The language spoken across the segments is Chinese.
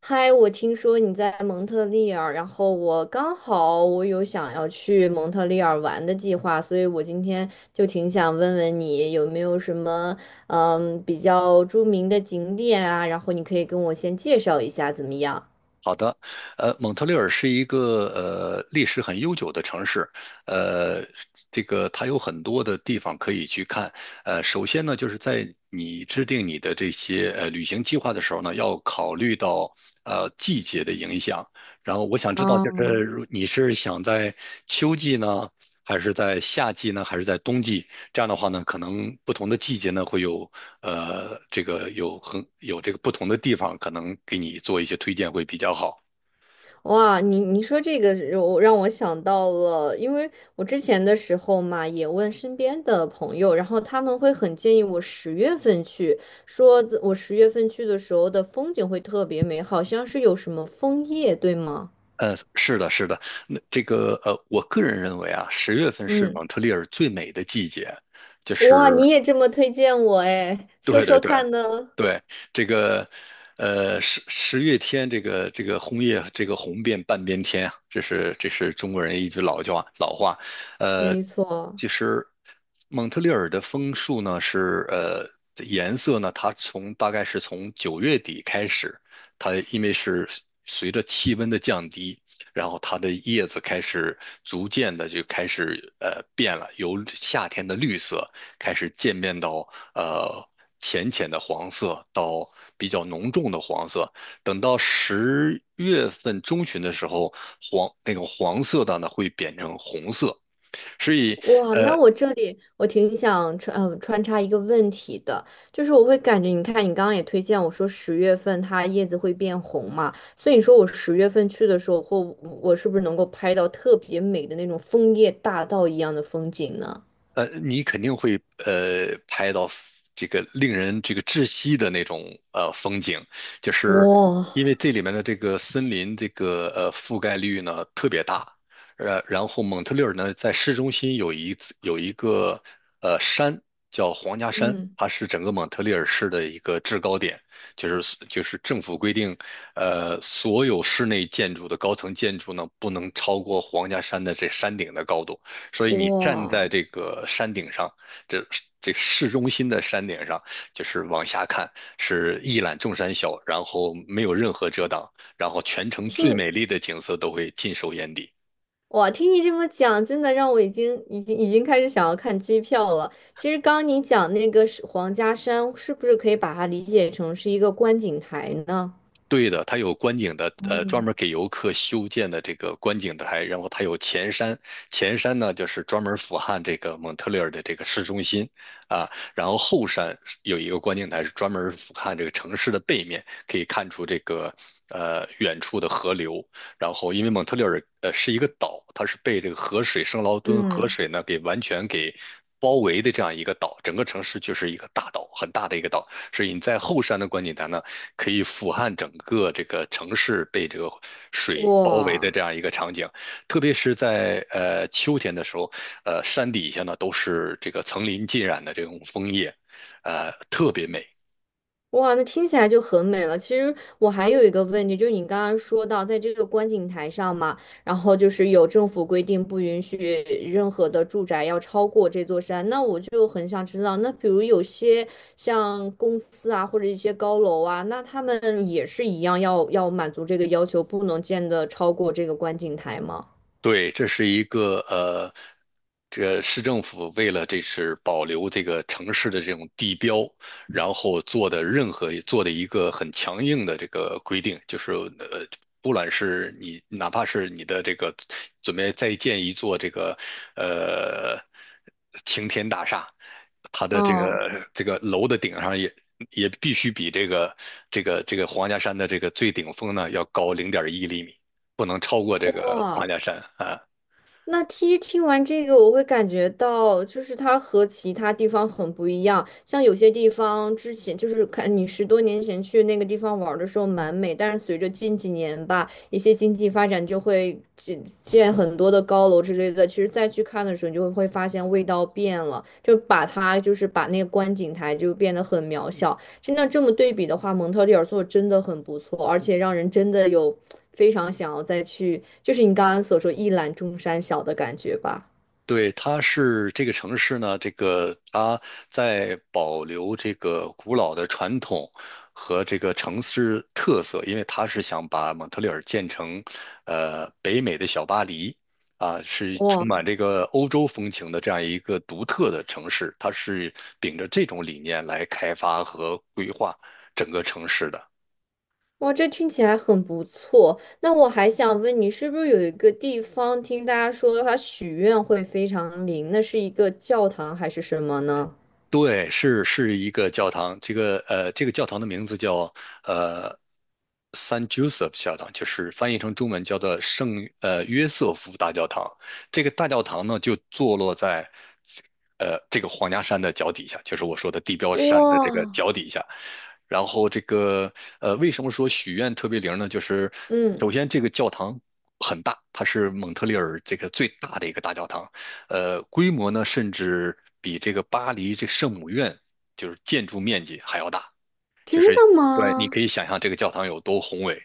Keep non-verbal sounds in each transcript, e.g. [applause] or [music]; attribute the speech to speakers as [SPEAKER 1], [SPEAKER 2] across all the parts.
[SPEAKER 1] 嗨，我听说你在蒙特利尔，然后我刚好有想要去蒙特利尔玩的计划，所以我今天就挺想问问你有没有什么比较著名的景点啊，然后你可以跟我先介绍一下怎么样？
[SPEAKER 2] 好的，蒙特利尔是一个历史很悠久的城市，呃，这个它有很多的地方可以去看。首先呢，就是在你制定你的这些旅行计划的时候呢，要考虑到季节的影响。然后我想知道，就是
[SPEAKER 1] 啊。
[SPEAKER 2] 如你是想在秋季呢，还是在夏季呢，还是在冬季？这样的话呢，可能不同的季节呢，会有这个有这个不同的地方，可能给你做一些推荐会比较好。
[SPEAKER 1] 哇，你说这个让我想到了，因为我之前的时候嘛，也问身边的朋友，然后他们会很建议我十月份去，说我十月份去的时候的风景会特别美，好像是有什么枫叶，对吗？
[SPEAKER 2] 是的，是的，那这个我个人认为啊，十月份是
[SPEAKER 1] 嗯，
[SPEAKER 2] 蒙特利尔最美的季节，就
[SPEAKER 1] 哇，
[SPEAKER 2] 是
[SPEAKER 1] 你也这么推荐我哎，说
[SPEAKER 2] 对对
[SPEAKER 1] 说
[SPEAKER 2] 对，
[SPEAKER 1] 看呢？
[SPEAKER 2] 对，这个，十月天，这个红叶，这个红遍半边天啊，这是中国人一句老话。呃，
[SPEAKER 1] 没错。
[SPEAKER 2] 其实蒙特利尔的枫树呢是颜色呢，它大概是从9月底开始，它因为是随着气温的降低，然后它的叶子开始逐渐的就开始变了，由夏天的绿色开始渐变到呃浅浅的黄色到比较浓重的黄色。等到10月份中旬的时候，黄那个黄色的呢会变成红色。所以，
[SPEAKER 1] 哇，那
[SPEAKER 2] 呃，
[SPEAKER 1] 我这里我挺想穿插一个问题的，就是我会感觉，你看你刚刚也推荐我说十月份它叶子会变红嘛，所以你说我十月份去的时候，或我是不是能够拍到特别美的那种枫叶大道一样的风景呢？
[SPEAKER 2] 你肯定会拍到 这个令人窒息的那种风景，就是
[SPEAKER 1] 哇，
[SPEAKER 2] 因为这里面的这个森林覆盖率呢特别大，然后蒙特利尔呢在市中心有一个山叫皇家山，
[SPEAKER 1] 嗯，
[SPEAKER 2] 它是整个蒙特利尔市的一个制高点，就是政府规定，所有室内建筑的高层建筑呢不能超过皇家山的这山顶的高度。所以你站在
[SPEAKER 1] 哇，
[SPEAKER 2] 这个山顶上，这这市中心的山顶上，就是往下看，是一览众山小，然后没有任何遮挡，然后全城最
[SPEAKER 1] 听
[SPEAKER 2] 美丽的景色都会尽收眼底。
[SPEAKER 1] 听你这么讲，真的让我已经开始想要看机票了。其实刚刚你讲那个是皇家山，是不是可以把它理解成是一个观景台呢？
[SPEAKER 2] 对的，它有观景的，专
[SPEAKER 1] 嗯
[SPEAKER 2] 门给游客修建的这个观景台，然后它有前山，前山呢就是专门俯瞰这个蒙特利尔的这个市中心啊，然后后山有一个观景台是专门俯瞰这个城市的背面，可以看出这个远处的河流，然后因为蒙特利尔是一个岛，它是被这个河水圣劳敦河
[SPEAKER 1] 嗯，
[SPEAKER 2] 水呢给完全给包围的这样一个岛，整个城市就是一个大岛，很大的一个岛，所以你在后山的观景台呢，可以俯瞰整个这个城市被这个水包围的
[SPEAKER 1] 哇
[SPEAKER 2] 这样一个场景。特别是在秋天的时候，山底下呢都是这个层林尽染的这种枫叶，特别美。
[SPEAKER 1] 哇，那听起来就很美了。其实我还有一个问题，就是你刚刚说到，在这个观景台上嘛，然后就是有政府规定不允许任何的住宅要超过这座山，那我就很想知道，那比如有些像公司啊，或者一些高楼啊，那他们也是一样要满足这个要求，不能建的超过这个观景台吗？
[SPEAKER 2] 对，这是一个这市政府为了这是保留这个城市的这种地标，然后做的一个很强硬的这个规定，就是不管是你哪怕是你的这个准备再建一座这个呃晴天大厦，它的这
[SPEAKER 1] 嗯
[SPEAKER 2] 个这个楼的顶上也必须比这个这个皇家山的这个最顶峰呢要高0.1厘米。不能超过这个花
[SPEAKER 1] 哇。
[SPEAKER 2] 家山啊。
[SPEAKER 1] 那其实听完这个，我会感觉到，就是它和其他地方很不一样。像有些地方之前就是看你十多年前去那个地方玩儿的时候蛮美，但是随着近几年吧，一些经济发展就会建建很多的高楼之类的。其实再去看的时候，你就会发现味道变了，就把它就是把那个观景台就变得很渺小。真的这么对比的话，蒙特利尔做得真的很不错，而且让人真的有非常想要再去，就是你刚刚所说"一览众山小"的感觉吧。
[SPEAKER 2] 对，它是这个城市呢，这个它在保留这个古老的传统和这个城市特色，因为它是想把蒙特利尔建成，北美的小巴黎啊，是充
[SPEAKER 1] 哇
[SPEAKER 2] 满这个欧洲风情的这样一个独特的城市，它是秉着这种理念来开发和规划整个城市的。
[SPEAKER 1] 哇，这听起来很不错。那我还想问你，是不是有一个地方听大家说它许愿会非常灵？那是一个教堂还是什么呢？
[SPEAKER 2] 对，是一个教堂，这个这个教堂的名字叫呃 San Joseph 教堂，就是翻译成中文叫做圣约瑟夫大教堂。这个大教堂呢，就坐落在这个皇家山的脚底下，就是我说的地标山的这个
[SPEAKER 1] 哇，
[SPEAKER 2] 脚底下。然后这个为什么说许愿特别灵呢？就是
[SPEAKER 1] 嗯，
[SPEAKER 2] 首先这个教堂很大，它是蒙特利尔这个最大的一个大教堂，规模呢，甚至比这个巴黎这圣母院就是建筑面积还要大。就
[SPEAKER 1] 真
[SPEAKER 2] 是
[SPEAKER 1] 的
[SPEAKER 2] 对，你可
[SPEAKER 1] 吗？
[SPEAKER 2] 以想象这个教堂有多宏伟，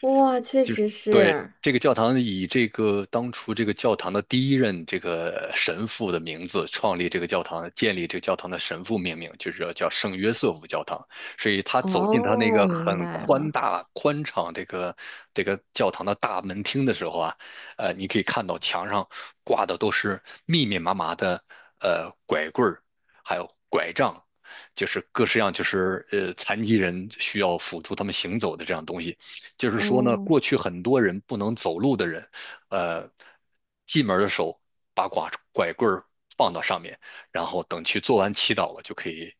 [SPEAKER 1] 哇，确
[SPEAKER 2] 就是
[SPEAKER 1] 实
[SPEAKER 2] 对
[SPEAKER 1] 是。
[SPEAKER 2] 这个教堂以这个当初这个教堂的第一任这个神父的名字创立这个教堂，建立这个教堂的神父命名，就是叫圣约瑟夫教堂。所以他走进他那
[SPEAKER 1] 哦，
[SPEAKER 2] 个
[SPEAKER 1] 明
[SPEAKER 2] 很
[SPEAKER 1] 白
[SPEAKER 2] 宽
[SPEAKER 1] 了。
[SPEAKER 2] 大、宽敞这个教堂的大门厅的时候啊，你可以看到墙上挂的都是密密麻麻的拐棍儿，还有拐杖。就是各式样，就是残疾人需要辅助他们行走的这样东西，就是说呢，
[SPEAKER 1] 哦
[SPEAKER 2] 过去很多人不能走路的人，呃，进门的时候把拐棍儿放到上面，然后等去做完祈祷了，就可以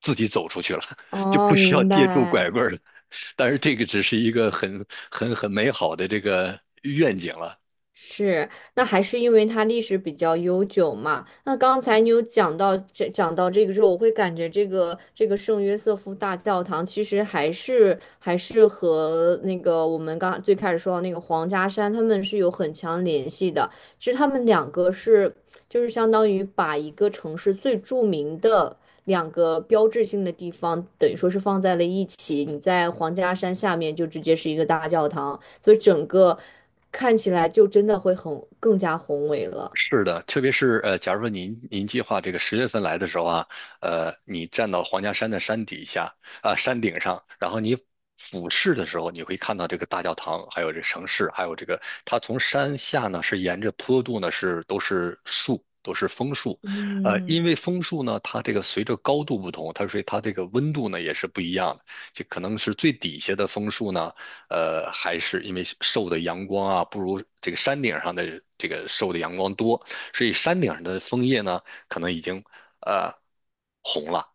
[SPEAKER 2] 自己走出去了，[laughs] 就
[SPEAKER 1] 哦，
[SPEAKER 2] 不需要
[SPEAKER 1] 明
[SPEAKER 2] 借助拐
[SPEAKER 1] 白。
[SPEAKER 2] 棍儿了。但是这个只是一个很美好的这个愿景了，
[SPEAKER 1] 是，那还是因为它历史比较悠久嘛。那刚才你有讲到这个时候，我会感觉这个圣约瑟夫大教堂其实还是和那个我们刚最开始说到那个皇家山，他们是有很强联系的。其实他们两个就是相当于把一个城市最著名的两个标志性的地方，等于说是放在了一起。你在皇家山下面就直接是一个大教堂，所以整个看起来就真的会更加宏伟了。
[SPEAKER 2] 是的，特别是假如说您计划这个十月份来的时候啊，你站到皇家山的山底下啊、山顶上，然后你俯视的时候，你会看到这个大教堂，还有这城市，还有这个它从山下呢是沿着坡度呢是都是树，都是枫树，
[SPEAKER 1] 嗯
[SPEAKER 2] 因为枫树呢，它这个随着高度不同，所以它这个温度呢也是不一样的，就可能是最底下的枫树呢，还是因为受的阳光啊，不如这个山顶上的这个受的阳光多，所以山顶上的枫叶呢，可能已经呃红了。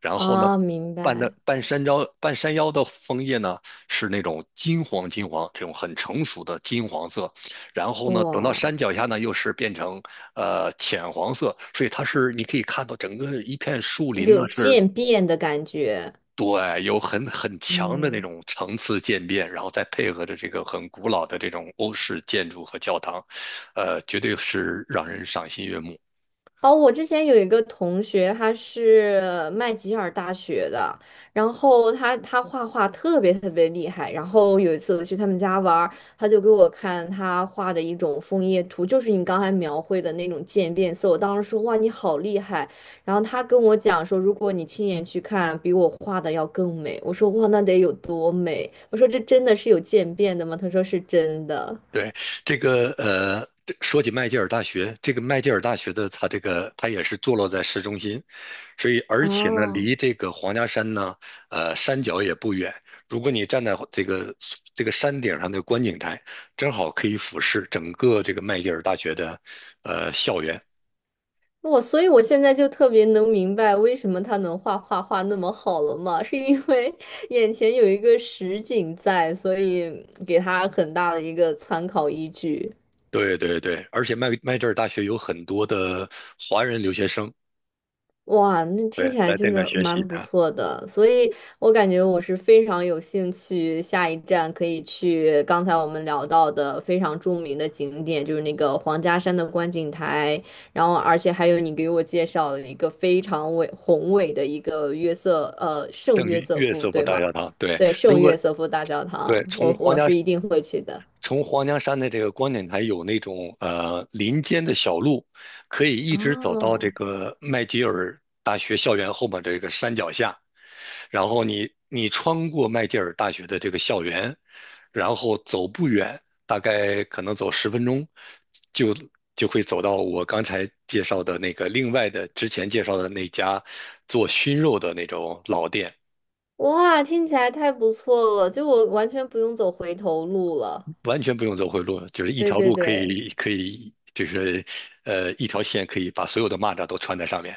[SPEAKER 2] 然后呢，
[SPEAKER 1] 啊，明
[SPEAKER 2] 半的
[SPEAKER 1] 白，
[SPEAKER 2] 半山腰半山腰的枫叶呢，是那种金黄金黄，这种很成熟的金黄色。然后呢，等到
[SPEAKER 1] 哇，
[SPEAKER 2] 山脚下呢，又是变成浅黄色，所以它是你可以看到整个一片树
[SPEAKER 1] 一
[SPEAKER 2] 林呢
[SPEAKER 1] 种
[SPEAKER 2] 是
[SPEAKER 1] 渐变的感觉。
[SPEAKER 2] 对，有很强的那
[SPEAKER 1] 嗯。
[SPEAKER 2] 种层次渐变，然后再配合着这个很古老的这种欧式建筑和教堂，绝对是让人赏心悦目。
[SPEAKER 1] 哦，我之前有一个同学，他是麦吉尔大学的，然后他画画特别特别厉害。然后有一次我去他们家玩儿，他就给我看他画的一种枫叶图，就是你刚才描绘的那种渐变色。我当时说哇，你好厉害！然后他跟我讲说，如果你亲眼去看，比我画的要更美。我说哇，那得有多美？我说这真的是有渐变的吗？他说是真的。
[SPEAKER 2] 对，这个这说起麦吉尔大学，这个麦吉尔大学的它这个它也是坐落在市中心，所以而且呢，
[SPEAKER 1] 哦。
[SPEAKER 2] 离这个皇家山呢，山脚也不远。如果你站在这个山顶上的观景台，正好可以俯视整个这个麦吉尔大学的校园。
[SPEAKER 1] 我所以，我现在就特别能明白为什么他能画画那么好了嘛，是因为 [laughs] 眼前有一个实景在，所以给他很大的一个参考依据。
[SPEAKER 2] 对对对，而且麦吉尔大学有很多的华人留学生，
[SPEAKER 1] 哇，那
[SPEAKER 2] 对，
[SPEAKER 1] 听起来
[SPEAKER 2] 来这
[SPEAKER 1] 真
[SPEAKER 2] 边
[SPEAKER 1] 的
[SPEAKER 2] 学
[SPEAKER 1] 蛮
[SPEAKER 2] 习
[SPEAKER 1] 不
[SPEAKER 2] 啊。
[SPEAKER 1] 错的，所以我感觉我是非常有兴趣，下一站可以去刚才我们聊到的非常著名的景点，就是那个黄家山的观景台，然后而且还有你给我介绍了一个非常宏伟的一个圣
[SPEAKER 2] 圣
[SPEAKER 1] 约瑟
[SPEAKER 2] 约
[SPEAKER 1] 夫，
[SPEAKER 2] 瑟夫
[SPEAKER 1] 对
[SPEAKER 2] 大
[SPEAKER 1] 吗？
[SPEAKER 2] 教堂，对，
[SPEAKER 1] 对，
[SPEAKER 2] 如
[SPEAKER 1] 圣
[SPEAKER 2] 果
[SPEAKER 1] 约瑟夫大教堂，
[SPEAKER 2] 对从
[SPEAKER 1] 我
[SPEAKER 2] 皇
[SPEAKER 1] 我
[SPEAKER 2] 家
[SPEAKER 1] 是一定会去的。
[SPEAKER 2] 从皇家山的这个观景台有那种林间的小路，可以一直走到这
[SPEAKER 1] 哦，
[SPEAKER 2] 个麦吉尔大学校园后面这个山脚下，然后你穿过麦吉尔大学的这个校园，然后走不远，大概可能走10分钟，就就会走到我刚才介绍的那个另外的之前介绍的那家做熏肉的那种老店，
[SPEAKER 1] 哇，听起来太不错了，就我完全不用走回头路了。
[SPEAKER 2] 完全不用走回路，就是一
[SPEAKER 1] 对
[SPEAKER 2] 条
[SPEAKER 1] 对
[SPEAKER 2] 路可
[SPEAKER 1] 对。
[SPEAKER 2] 以可以就是一条线可以把所有的蚂蚱都穿在上面。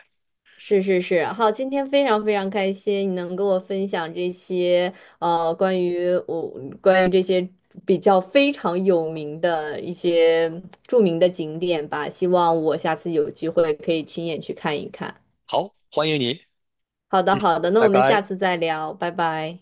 [SPEAKER 1] 是是是，好，今天非常非常开心，你能跟我分享这些呃关于我关于这些比较非常有名的一些著名的景点吧，希望我下次有机会可以亲眼去看一看。
[SPEAKER 2] 好，欢迎你，
[SPEAKER 1] 好的
[SPEAKER 2] 谢谢
[SPEAKER 1] 好的，那
[SPEAKER 2] 拜
[SPEAKER 1] 我们
[SPEAKER 2] 拜。
[SPEAKER 1] 下次再聊，拜拜。